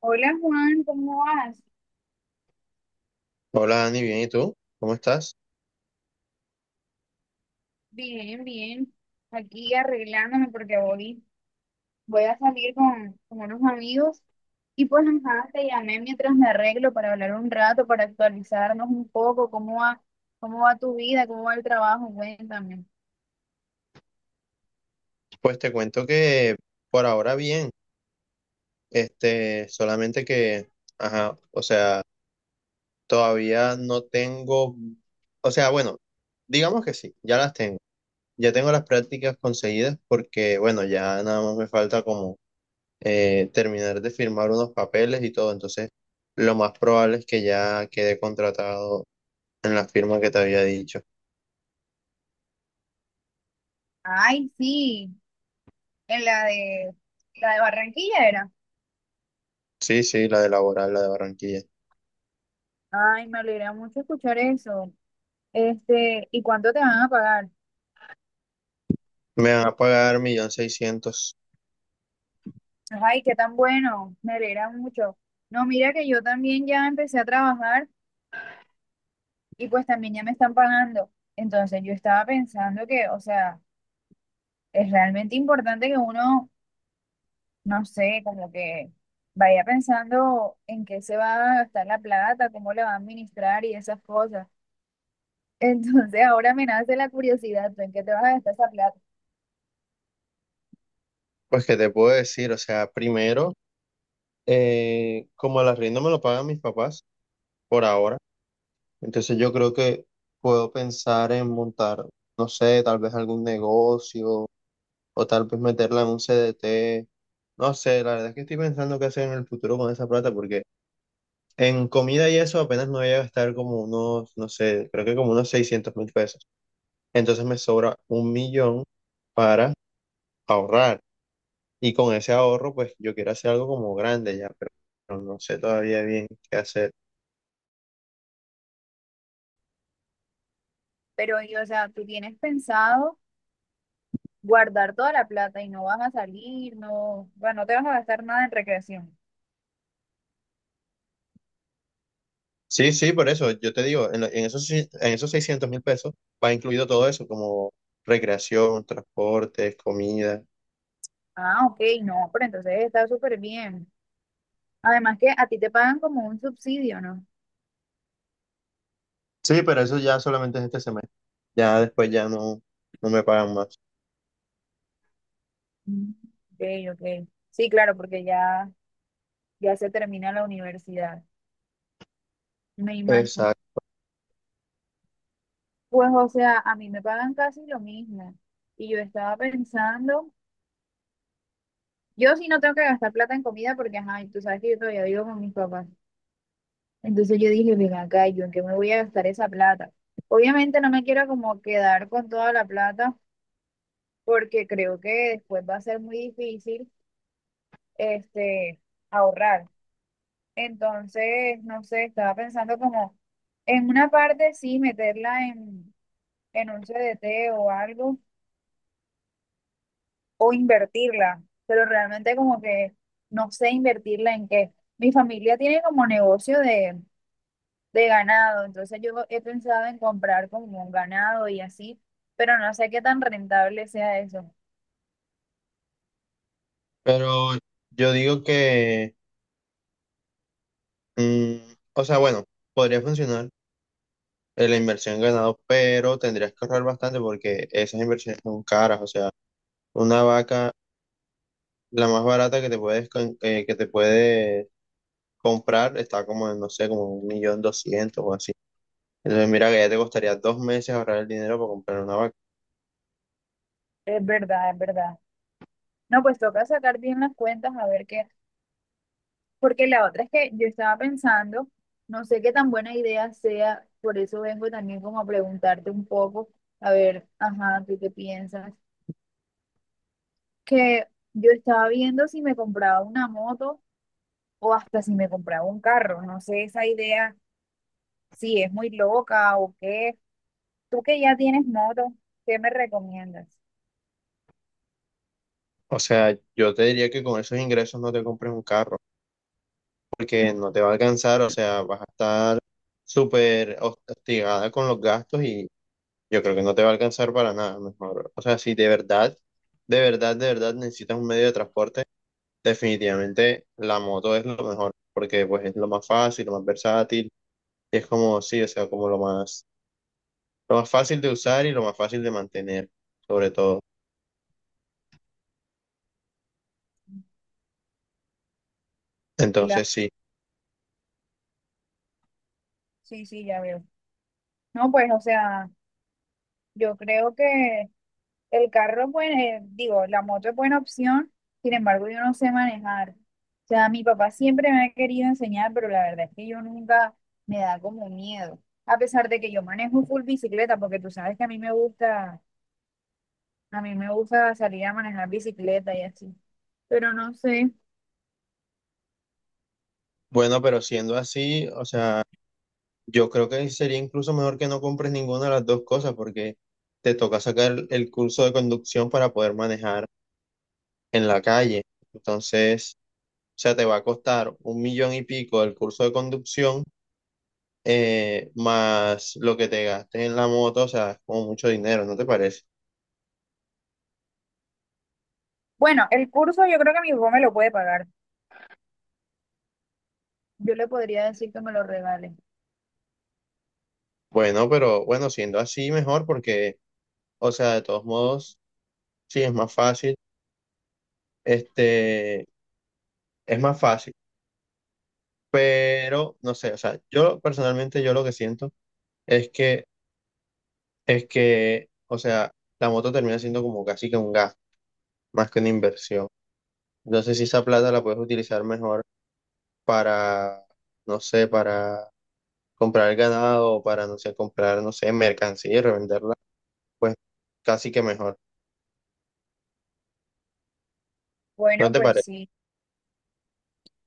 Hola Juan, ¿cómo vas? Hola Dani, bien, ¿y tú? ¿Cómo estás? Bien, bien. Aquí arreglándome porque voy, voy a salir con unos amigos y pues ajá, te llamé mientras me arreglo para hablar un rato, para actualizarnos un poco, cómo va tu vida, cómo va el trabajo, cuéntame. Pues te cuento que por ahora bien, este, solamente que, ajá, o sea, todavía no tengo, o sea, bueno, digamos que sí, ya las tengo, ya tengo las prácticas conseguidas porque, bueno, ya nada más me falta como terminar de firmar unos papeles y todo. Entonces lo más probable es que ya quede contratado en la firma que te había dicho. Ay, sí, en la de Barranquilla era. Sí, sí, la de laboral, la de Barranquilla. Ay, me alegra mucho escuchar eso. Este, ¿y cuánto te van a pagar? Me van a pagar un millón seiscientos mil. Ay, qué tan bueno, me alegra mucho. No, mira que yo también ya empecé a trabajar. Y pues también ya me están pagando. Entonces yo estaba pensando que, o sea, es realmente importante que uno, no sé, como que vaya pensando en qué se va a gastar la plata, cómo le va a administrar y esas cosas. Entonces ahora me nace la curiosidad, ¿tú en qué te vas a gastar esa plata? Pues que te puedo decir, o sea, primero, como el arriendo me lo pagan mis papás por ahora, entonces yo creo que puedo pensar en montar, no sé, tal vez algún negocio o tal vez meterla en un CDT, no sé, la verdad es que estoy pensando qué hacer en el futuro con esa plata, porque en comida y eso apenas me voy a gastar como unos, no sé, creo que como unos 600 mil pesos, entonces me sobra un millón para ahorrar. Y con ese ahorro, pues yo quiero hacer algo como grande ya, pero no sé todavía bien qué hacer. Pero, y, o sea, tú tienes pensado guardar toda la plata y no vas a salir, no, bueno, no te vas a gastar nada en recreación. Sí, sí, por eso yo te digo, en, en esos, en esos 600 mil pesos va incluido todo eso, como recreación, transportes, comida. Ah, ok, no, pero entonces está súper bien. Además que a ti te pagan como un subsidio, ¿no? Sí, pero eso ya solamente es este semestre. Ya después ya no, no me pagan más. Mm, ok, ok. Sí, claro, porque ya, ya se termina la universidad. Me imagino. Exacto. Pues, o sea, a mí me pagan casi lo mismo. Y yo estaba pensando, yo sí no tengo que gastar plata en comida porque, ajá, y tú sabes que yo todavía vivo con mis papás. Entonces yo dije, ven acá, ¿yo en qué me voy a gastar esa plata? Obviamente no me quiero como quedar con toda la plata porque creo que después va a ser muy difícil, este, ahorrar. Entonces, no sé, estaba pensando como en una parte sí meterla en un CDT o algo, o invertirla, pero realmente como que no sé invertirla en qué. Mi familia tiene como negocio de ganado, entonces yo he pensado en comprar como un ganado y así, pero no sé qué tan rentable sea eso. Pero yo digo que, mm, o sea, bueno, podría funcionar la inversión en ganado, pero tendrías que ahorrar bastante porque esas inversiones son caras, o sea. Una vaca, la más barata que te puedes, que te puedes comprar está como en, no sé, como un millón doscientos o así. Entonces, mira que ya te costaría dos meses ahorrar el dinero para comprar una vaca. Es verdad, es verdad. No, pues toca sacar bien las cuentas a ver qué. Porque la otra es que yo estaba pensando, no sé qué tan buena idea sea, por eso vengo también como a preguntarte un poco, a ver, ajá, ¿tú qué piensas? Que yo estaba viendo si me compraba una moto o hasta si me compraba un carro, no sé esa idea, si es muy loca o qué. Tú que ya tienes moto, ¿qué me recomiendas? O sea, yo te diría que con esos ingresos no te compres un carro, porque no te va a alcanzar, o sea, vas a estar súper hostigada con los gastos y yo creo que no te va a alcanzar para nada, mejor. O sea, si de verdad, de verdad, de verdad necesitas un medio de transporte, definitivamente la moto es lo mejor, porque pues es lo más fácil, lo más versátil, es como, sí, o sea, como lo más fácil de usar y lo más fácil de mantener, sobre todo. La... Entonces, sí. Sí, sí, ya veo. No, pues, o sea, yo creo que el carro, es digo, la moto es buena opción, sin embargo, yo no sé manejar. O sea, mi papá siempre me ha querido enseñar, pero la verdad es que yo nunca, me da como miedo. A pesar de que yo manejo full bicicleta, porque tú sabes que a mí me gusta, a mí me gusta salir a manejar bicicleta y así. Pero no sé. Bueno, pero siendo así, o sea, yo creo que sería incluso mejor que no compres ninguna de las dos cosas porque te toca sacar el curso de conducción para poder manejar en la calle. Entonces, o sea, te va a costar un millón y pico el curso de conducción, más lo que te gastes en la moto, o sea, es como mucho dinero, ¿no te parece? Bueno, el curso yo creo que mi papá me lo puede pagar. Yo le podría decir que me lo regale. Bueno, pero bueno, siendo así, mejor porque… O sea, de todos modos, sí, es más fácil. Este, es más fácil, pero no sé, o sea, yo personalmente, yo lo que siento es que, o sea, la moto termina siendo como casi que un gasto, más que una inversión. Entonces, si esa plata la puedes utilizar mejor para, no sé, para comprar ganado o para, no sé, comprar, no sé, mercancía y revenderla, pues casi que mejor. ¿No Bueno, te pues parece? sí.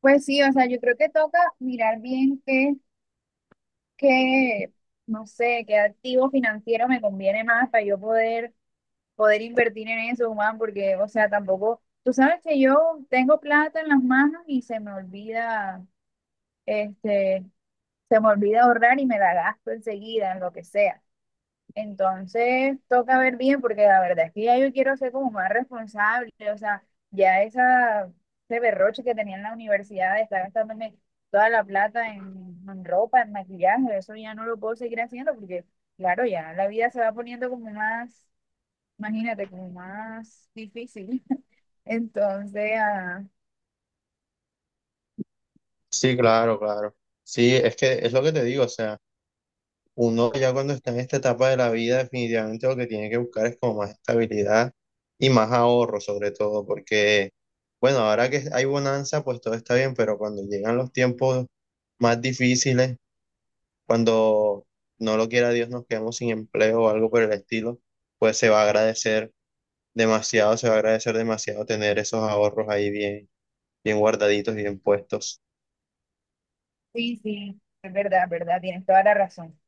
Pues sí, o sea, yo creo que toca mirar bien qué, qué, no sé, qué activo financiero me conviene más para yo poder, poder invertir en eso, Juan, porque, o sea, tampoco, tú sabes que yo tengo plata en las manos y se me olvida, este, se me olvida ahorrar y me la gasto enseguida en lo que sea. Entonces toca ver bien porque la verdad es que ya yo quiero ser como más responsable, o sea, ya esa, ese berroche que tenía en la universidad de estar gastándome toda la plata en ropa, en maquillaje, eso ya no lo puedo seguir haciendo porque, claro, ya la vida se va poniendo como más, imagínate, como más difícil. Entonces, ah, Sí, claro, claro. Sí, es que es lo que te digo, o sea. Uno ya cuando está en esta etapa de la vida, definitivamente lo que tiene que buscar es como más estabilidad y más ahorro, sobre todo, porque, bueno, ahora que hay bonanza, pues todo está bien, pero cuando llegan los tiempos más difíciles, cuando no lo quiera Dios nos quedamos sin empleo o algo por el estilo, pues se va a agradecer demasiado, se va a agradecer demasiado tener esos ahorros ahí bien, bien guardaditos y bien puestos. sí, sí, es verdad, tienes toda la razón.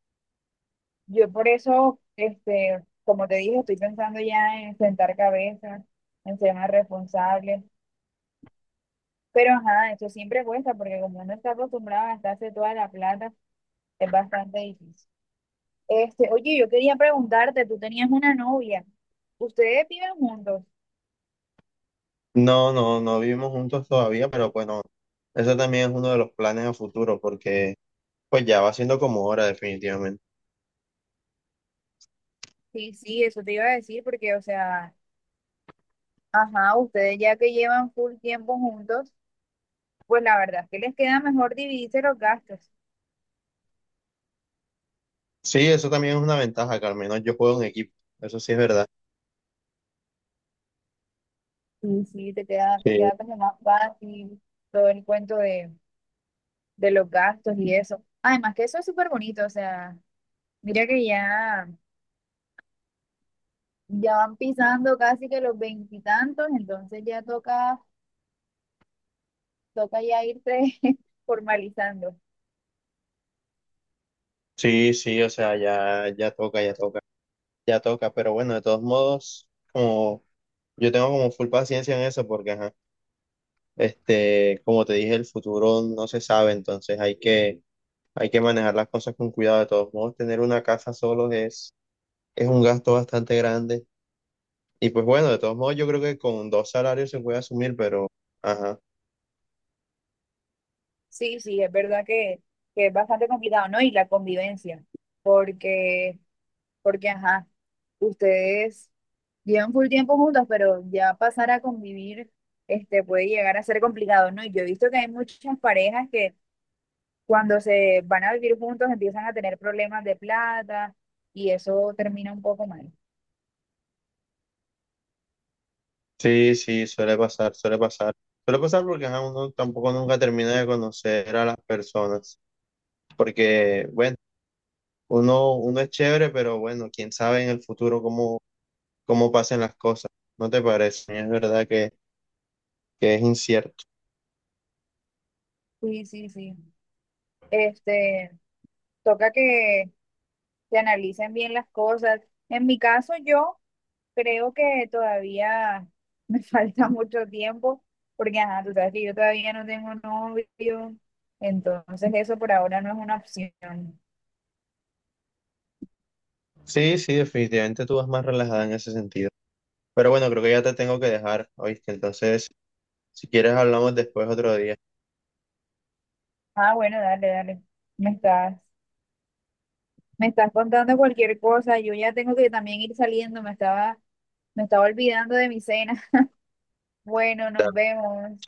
Yo por eso, este, como te dije, estoy pensando ya en sentar cabezas, en ser más responsable. Pero ajá, eso siempre cuesta porque como uno está acostumbrado a gastarse toda la plata, es bastante difícil. Este, oye, yo quería preguntarte, tú tenías una novia. ¿Ustedes viven juntos? No, no, no vivimos juntos todavía, pero bueno, eso también es uno de los planes a futuro, porque pues ya va siendo como hora, definitivamente. Sí, sí, eso te iba a decir porque, o sea, ajá, ustedes ya que llevan full tiempo juntos, pues la verdad es que les queda mejor dividirse los gastos. Sí, eso también es una ventaja, que al menos yo juego en equipo. Eso sí es verdad. Sí, sí, Sí, te queda como más fácil todo el cuento de los gastos y eso. Además que eso es súper bonito, o sea, mira que ya, ya van pisando casi que los veintitantos, entonces ya toca, toca ya irse formalizando. sí, sí, o sea, ya, ya toca, ya toca, ya toca. Pero bueno, de todos modos, como yo tengo como full paciencia en eso, porque ajá, este, como te dije, el futuro no se sabe, entonces hay que manejar las cosas con cuidado. De todos modos, tener una casa solo es un gasto bastante grande. Y pues bueno, de todos modos, yo creo que con dos salarios se puede asumir, pero ajá. Sí, sí, es verdad que es bastante complicado, ¿no? Y la convivencia, porque, porque, ajá, ustedes llevan full tiempo juntos, pero ya pasar a convivir, este, puede llegar a ser complicado, ¿no? Y yo he visto que hay muchas parejas que cuando se van a vivir juntos empiezan a tener problemas de plata y eso termina un poco mal. Sí, sí, suele pasar, suele pasar. Suele pasar porque ajá, uno tampoco nunca termina de conocer a las personas. Porque, bueno, uno, uno es chévere, pero bueno, quién sabe en el futuro cómo, cómo pasen las cosas. ¿No te parece? Es verdad que es incierto. Sí, sí, sí. Este, toca que se analicen bien las cosas. En mi caso, yo creo que todavía me falta mucho tiempo porque, ajá, tú sabes que yo todavía no tengo novio, entonces eso por ahora no es una opción. Sí, sí, definitivamente tú vas más relajada en ese sentido. Pero bueno, creo que ya te tengo que dejar, ¿oíste? Entonces, si quieres, hablamos después otro día. Ah, bueno, dale, dale. Me estás, me estás contando cualquier cosa. Yo ya tengo que también ir saliendo. Me estaba. Me estaba olvidando de mi cena. Bueno, nos Dale, vemos. chao.